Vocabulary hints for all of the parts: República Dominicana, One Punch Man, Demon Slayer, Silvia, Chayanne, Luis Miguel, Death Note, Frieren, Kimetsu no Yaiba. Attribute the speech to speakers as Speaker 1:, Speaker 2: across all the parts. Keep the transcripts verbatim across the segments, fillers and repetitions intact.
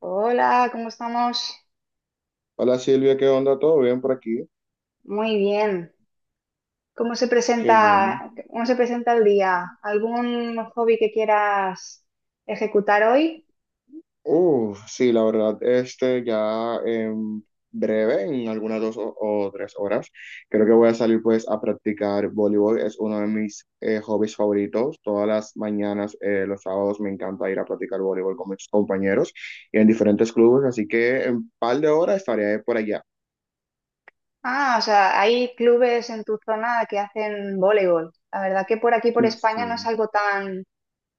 Speaker 1: Hola, ¿cómo estamos?
Speaker 2: Hola Silvia, ¿qué onda? ¿Todo bien por aquí?
Speaker 1: Muy bien. ¿Cómo se
Speaker 2: Qué bien.
Speaker 1: presenta, cómo se presenta el día? ¿Algún hobby que quieras ejecutar hoy?
Speaker 2: Uh, sí, la verdad, este ya en breve, en algunas dos o, o tres horas, creo que voy a salir pues a practicar voleibol. Es uno de mis eh, hobbies favoritos. Todas las mañanas, eh, los sábados, me encanta ir a practicar voleibol con mis compañeros y en diferentes clubes. Así que en un par de horas estaré por allá.
Speaker 1: Ah, o sea, hay clubes en tu zona que hacen voleibol. La verdad que por aquí, por
Speaker 2: Sí, sí.
Speaker 1: España, no es algo tan,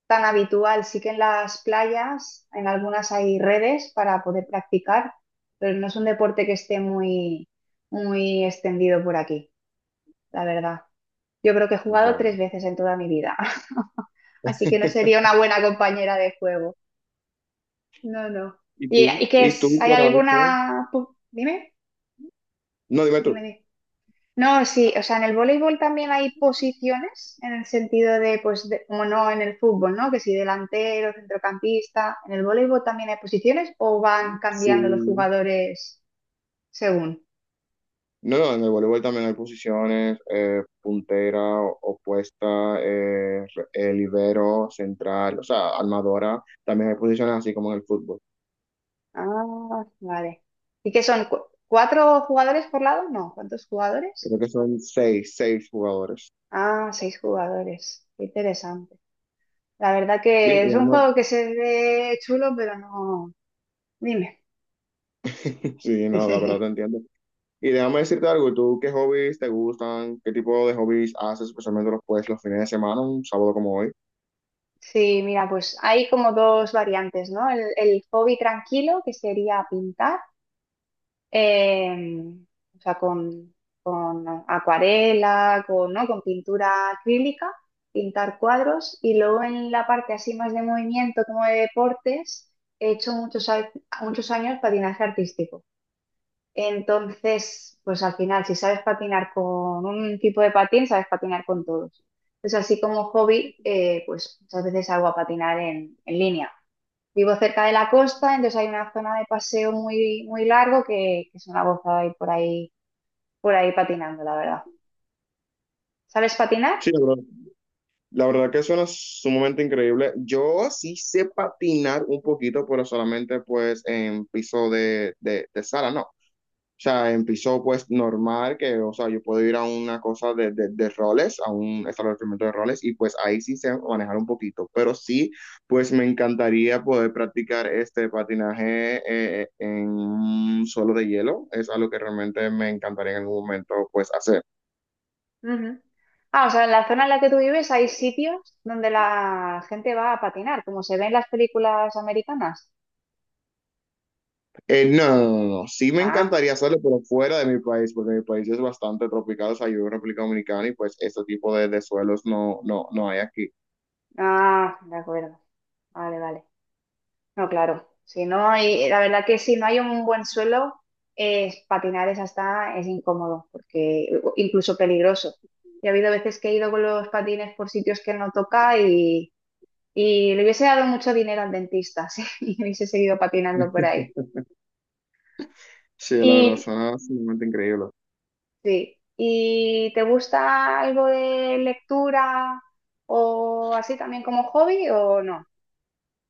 Speaker 1: tan habitual. Sí que en las playas, en algunas hay redes para poder practicar, pero no es un deporte que esté muy, muy extendido por aquí, la verdad. Yo creo que he jugado
Speaker 2: Vale.
Speaker 1: tres veces en toda mi vida. Así que no sería una buena compañera de juego. No, no.
Speaker 2: ¿Y
Speaker 1: ¿Y,
Speaker 2: tú?
Speaker 1: y qué
Speaker 2: ¿Y
Speaker 1: es?
Speaker 2: tú
Speaker 1: ¿Hay
Speaker 2: por ahí, no?
Speaker 1: alguna...? pu- Dime,
Speaker 2: No, dime tú.
Speaker 1: dime, dime. No, sí, o sea, en el voleibol también hay posiciones en el sentido de, pues, de- como no en el fútbol, ¿no? Que si delantero, centrocampista, ¿en el voleibol también hay posiciones o van cambiando los
Speaker 2: Sí.
Speaker 1: jugadores según?
Speaker 2: No, no, en el voleibol también hay posiciones, eh, puntera, o- opuesta, eh, re- eh, libero, central, o sea, armadora. También hay posiciones así como en el fútbol.
Speaker 1: Ah, vale. ¿Y qué son? ¿Cu- ¿Cuatro jugadores por lado? No, ¿cuántos jugadores?
Speaker 2: Creo que son seis, seis jugadores.
Speaker 1: Ah, seis jugadores. Qué interesante. La verdad
Speaker 2: Mira,
Speaker 1: que es un
Speaker 2: déjame-
Speaker 1: juego que se ve chulo, pero no. Dime.
Speaker 2: sí, no, la verdad te entiendo. Y déjame decirte algo, ¿tú qué hobbies te gustan? ¿Qué tipo de hobbies haces, especialmente los, pues, los fines de semana, un sábado como hoy?
Speaker 1: Sí, mira, pues hay como dos variantes, ¿no? El, el hobby tranquilo, que sería pintar, eh, o sea, con, con acuarela, con, ¿no? con pintura acrílica, pintar cuadros, y luego en la parte así más de movimiento, como de deportes, he hecho muchos, a- muchos años patinaje artístico. Entonces, pues al final, si sabes patinar con un tipo de patín, sabes patinar con todos. Entonces, así como hobby, eh, pues muchas veces salgo a patinar en, en línea. Vivo cerca de la costa, entonces hay una zona de paseo muy, muy largo que, que es una gozada ir por ahí, por ahí patinando, la verdad. ¿Sabes patinar?
Speaker 2: Sí, bro. La verdad que suena sumamente increíble. Yo sí sé patinar un poquito, pero solamente pues en piso de, de, de sala, ¿no? O sea, en piso pues normal, que, o sea, yo puedo ir a una cosa de, de, de roles, a un establecimiento de roles, y pues ahí sí sé manejar un poquito. Pero sí, pues me encantaría poder practicar este patinaje eh, en un suelo de hielo. Es algo que realmente me encantaría en algún momento pues hacer.
Speaker 1: Ujú. Ah, o sea, en la zona en la que tú vives hay sitios donde la gente va a patinar, como se ve en las películas americanas.
Speaker 2: Eh, no, no, no, no. no. Sí me
Speaker 1: Ah,
Speaker 2: encantaría hacerlo, pero fuera de mi país, porque mi país es bastante tropical, o sea, yo vivo en República Dominicana y pues este tipo de, de suelos no, no, no hay aquí.
Speaker 1: ah, de acuerdo. Vale, vale. No, claro. Si no hay, la verdad que si no hay un buen suelo, eh, patinar es hasta es incómodo, porque incluso peligroso. Y ha habido veces que he ido con los patines por sitios que no toca y, y le hubiese dado mucho dinero al dentista, sí, y hubiese seguido patinando por ahí.
Speaker 2: Sí, la verdad,
Speaker 1: Y
Speaker 2: suena sumamente increíble.
Speaker 1: sí, ¿y te gusta algo de lectura o así también como hobby o no?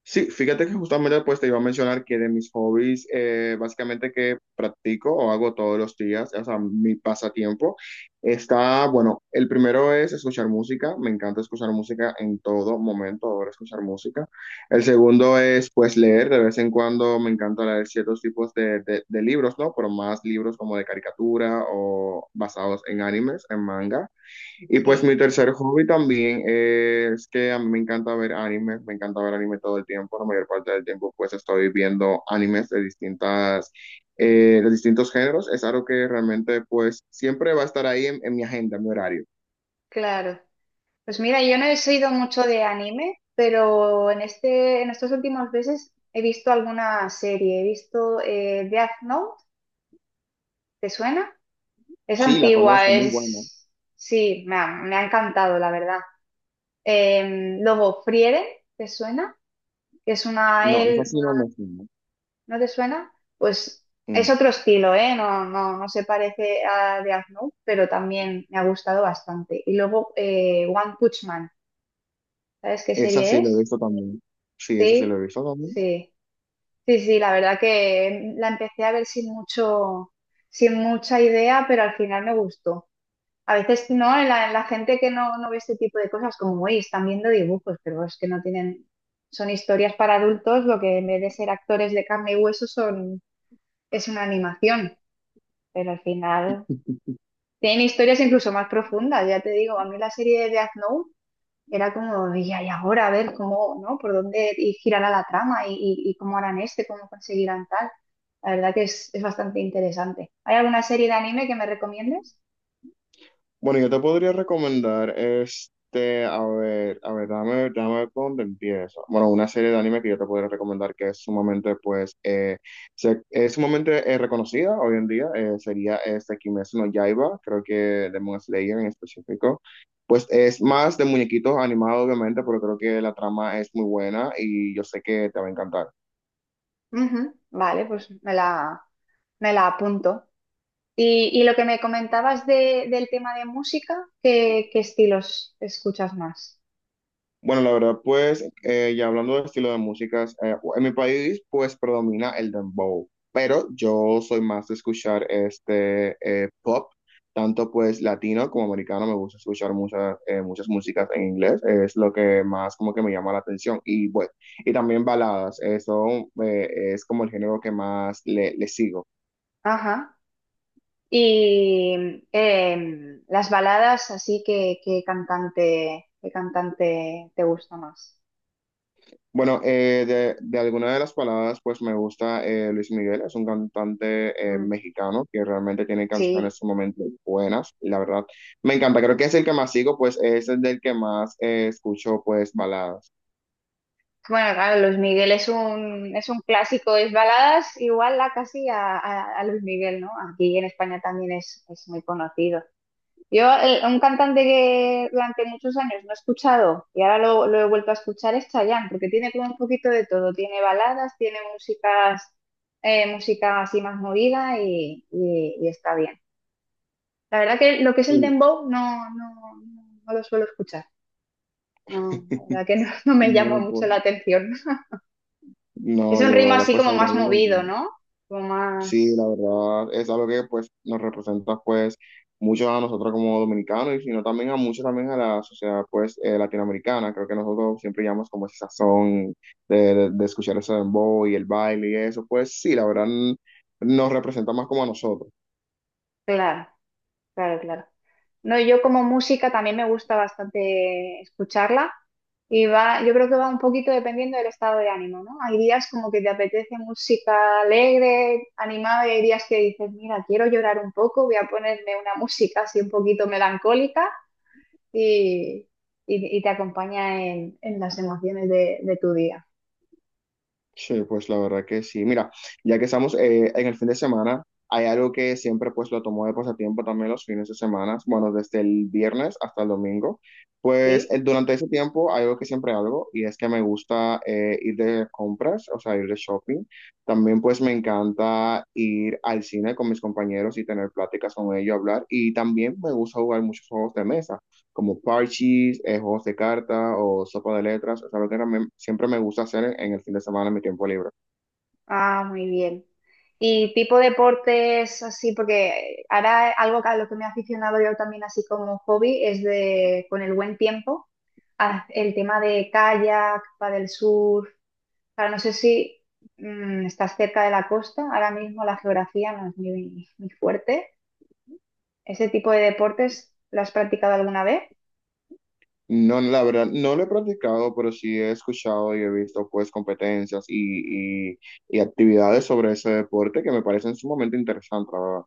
Speaker 2: Sí, fíjate que justamente pues te iba a mencionar que de mis hobbies, eh, básicamente que practico o hago todos los días, o sea, mi pasatiempo, está, bueno, el primero es escuchar música, me encanta escuchar música en todo momento, ahora escuchar música. El segundo es pues leer, de vez en cuando me encanta leer ciertos tipos de, de de libros, ¿no? Pero más libros como de caricatura o basados en animes, en manga. Y pues
Speaker 1: Sí,
Speaker 2: mi tercer hobby también es que a mí me encanta ver animes, me encanta ver anime todo el tiempo, la mayor parte del tiempo pues estoy viendo animes de distintas, eh, de distintos géneros, es algo que realmente pues siempre va a estar ahí en, en mi agenda, en mi horario.
Speaker 1: claro. Pues mira, yo no he sido mucho de anime, pero en este, en estos últimos meses he visto alguna serie. He visto eh, Death Note, ¿te suena? Es
Speaker 2: Sí, la
Speaker 1: antigua,
Speaker 2: conozco, muy buena.
Speaker 1: es... Sí, me ha, me ha encantado, la verdad. Eh, luego, Frieren, ¿te suena? Que es una...
Speaker 2: No, esa
Speaker 1: él
Speaker 2: sí no me suena.
Speaker 1: ¿No te suena? Pues es
Speaker 2: Mm.
Speaker 1: otro estilo, ¿eh? No, no, no se parece a Death Note, pero también me ha gustado bastante. Y luego, eh, One Punch Man, ¿sabes qué
Speaker 2: Esa
Speaker 1: serie
Speaker 2: sí la he
Speaker 1: es?
Speaker 2: visto también. Sí, esa sí la he
Speaker 1: Sí.
Speaker 2: visto también.
Speaker 1: Sí. Sí, sí, la verdad que la empecé a ver sin mucho, sin mucha idea, pero al final me gustó. A veces, ¿no? La, la gente que no, no ve este tipo de cosas, como, uy, están viendo dibujos, pero es que no tienen, son historias para adultos, lo que en vez de ser actores de carne y hueso son, es una animación, pero al final tienen historias incluso más profundas, ya te digo, a mí la serie de Death Note era como, y y ahora a ver cómo, ¿no? Por dónde y girará la trama y, y- y cómo harán este, cómo conseguirán tal. La verdad que es, es bastante interesante. ¿Hay alguna serie de anime que me recomiendes?
Speaker 2: Bueno, yo te podría recomendar, este, a ver, a ver, dame, dame ver por dónde empiezo. Bueno, una serie de anime que yo te podría recomendar que es sumamente, pues, eh, se- es sumamente eh, reconocida hoy en día, eh, sería este Kimetsu no Yaiba, creo que Demon Slayer en específico. Pues es más de muñequitos animados, obviamente, pero creo que la trama es muy buena y yo sé que te va a encantar.
Speaker 1: Ujú, vale, pues me la, me la apunto. Y, y lo que me comentabas de- del tema de música, ¿qué, qué estilos escuchas más?
Speaker 2: Bueno, la verdad, pues, eh, ya hablando de estilo de músicas, eh, en mi país, pues, predomina el dembow, pero yo soy más de escuchar este eh, pop, tanto pues latino como americano, me gusta escuchar muchas, eh, muchas músicas en inglés, es lo que más como que me llama la atención, y bueno, y también baladas, eso eh, es como el género que más le, le sigo.
Speaker 1: Ajá. Y em, las baladas, así que qué cantante, qué cantante te gusta más.
Speaker 2: Bueno, eh, de, de alguna de las palabras, pues me gusta eh, Luis Miguel, es un cantante eh,
Speaker 1: Mm,
Speaker 2: mexicano que realmente tiene canciones
Speaker 1: sí.
Speaker 2: sumamente buenas, y la verdad, me encanta, creo que es el que más sigo, pues es el del que más eh, escucho, pues baladas.
Speaker 1: Bueno, claro, Luis Miguel es un, es un clásico, es baladas igual a casi a, a- a Luis Miguel, ¿no? Aquí en España también es, es muy conocido. Yo, el- un cantante que durante muchos años no he escuchado y ahora lo, lo he vuelto a escuchar es Chayanne, porque tiene como un poquito de todo, tiene baladas, tiene músicas, eh, música así más movida y, y- y está bien. La verdad que lo que es el
Speaker 2: Sí.
Speaker 1: dembow no, no, no, no lo suelo escuchar, no, la verdad que no, no me llama
Speaker 2: No,
Speaker 1: mucho
Speaker 2: pues,
Speaker 1: la atención. Es
Speaker 2: no,
Speaker 1: un ritmo
Speaker 2: yo
Speaker 1: así
Speaker 2: después
Speaker 1: como
Speaker 2: sabré.
Speaker 1: más movido, ¿no? Como
Speaker 2: Sí,
Speaker 1: más...
Speaker 2: la verdad es algo que pues nos representa pues mucho a nosotros como dominicanos y sino también a mucho también a la sociedad pues eh, latinoamericana. Creo que nosotros siempre llamamos como ese sazón de, de, de escuchar ese dembow y el baile y eso. Pues sí, la verdad mm, nos representa más como a nosotros.
Speaker 1: Claro, claro, claro. No, yo como música también me gusta bastante escucharla y va, yo creo que va un poquito dependiendo del estado de ánimo, ¿no? Hay días como que te apetece música alegre, animada y hay días que dices, mira, quiero llorar un poco, voy a ponerme una música así un poquito melancólica y, y- y te acompaña en, en las emociones de, de tu día,
Speaker 2: Sí, pues la verdad que sí. Mira, ya que estamos eh, en el fin de semana, hay algo que siempre pues lo tomo de pasatiempo también los fines de semana, bueno, desde el viernes hasta el domingo. Pues
Speaker 1: ¿sí?
Speaker 2: el- durante ese tiempo hay algo que siempre hago y es que me gusta eh, ir de compras, o sea, ir de shopping. También pues me encanta ir al cine con mis compañeros y tener pláticas con ellos, hablar. Y también me gusta jugar muchos juegos de mesa como parches, eh, juegos de carta o sopa de letras. Es algo que me- siempre me gusta hacer en, en el fin de semana en mi tiempo libre.
Speaker 1: Ah, muy bien. Y tipo deportes así, porque ahora algo a lo que me he aficionado yo también así como hobby es de, con el buen tiempo, a- el tema de kayak, del surf. Ahora no sé si mm, estás cerca de la costa, ahora mismo la geografía no es muy, muy fuerte. ¿Ese tipo de deportes lo has practicado alguna vez?
Speaker 2: No, la verdad, no lo he practicado, pero sí he escuchado y he visto pues competencias y, y, y actividades sobre ese deporte que me parecen sumamente interesantes, la verdad.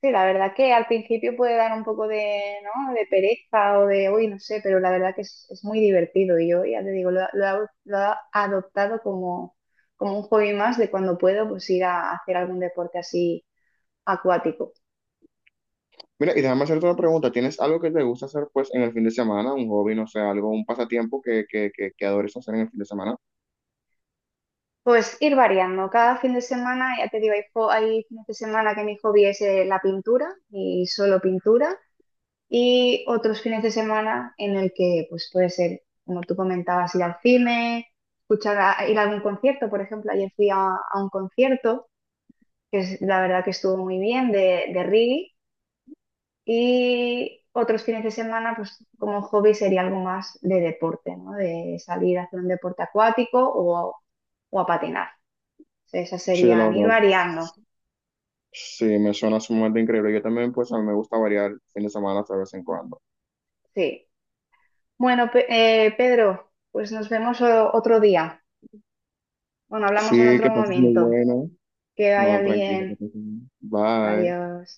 Speaker 1: Sí, la verdad que al principio puede dar un poco de, ¿no? de pereza o de, uy, no sé, pero la verdad que es, es muy divertido. Y yo ya te digo, lo, lo, he ado- lo he adoptado como, como un hobby más de cuando puedo pues ir a hacer algún deporte así acuático.
Speaker 2: Mira, y déjame hacerte una pregunta. ¿Tienes algo que te gusta hacer pues en el fin de semana? Un hobby, no sé, algo, un pasatiempo que, que, que, que adores hacer en el fin de semana.
Speaker 1: Pues ir variando. Cada fin de semana, ya te digo, hay, jo- hay fines de semana que mi hobby es eh, la pintura y solo pintura. Y otros fines de semana en el que pues puede ser, como tú comentabas, ir al cine, escuchar a- ir a algún concierto, por ejemplo, ayer fui a, a un concierto que es, la verdad que estuvo muy bien de, de reggae y otros fines de semana pues como hobby sería algo más de deporte, ¿no? De salir a hacer un deporte acuático o, o a patinar. O sea, esas
Speaker 2: Sí, la
Speaker 1: serían ir
Speaker 2: verdad.
Speaker 1: variando,
Speaker 2: Sí, me suena sumamente increíble. Yo también pues a mí me gusta variar fin de semana de vez en cuando.
Speaker 1: sí. Bueno, Pe- eh, Pedro, pues nos vemos o- otro día. Bueno, hablamos en
Speaker 2: Sí,
Speaker 1: otro
Speaker 2: que pases muy
Speaker 1: momento.
Speaker 2: bueno.
Speaker 1: Que vaya
Speaker 2: No, tranquilo, que
Speaker 1: bien.
Speaker 2: pases bien. Bye.
Speaker 1: Adiós.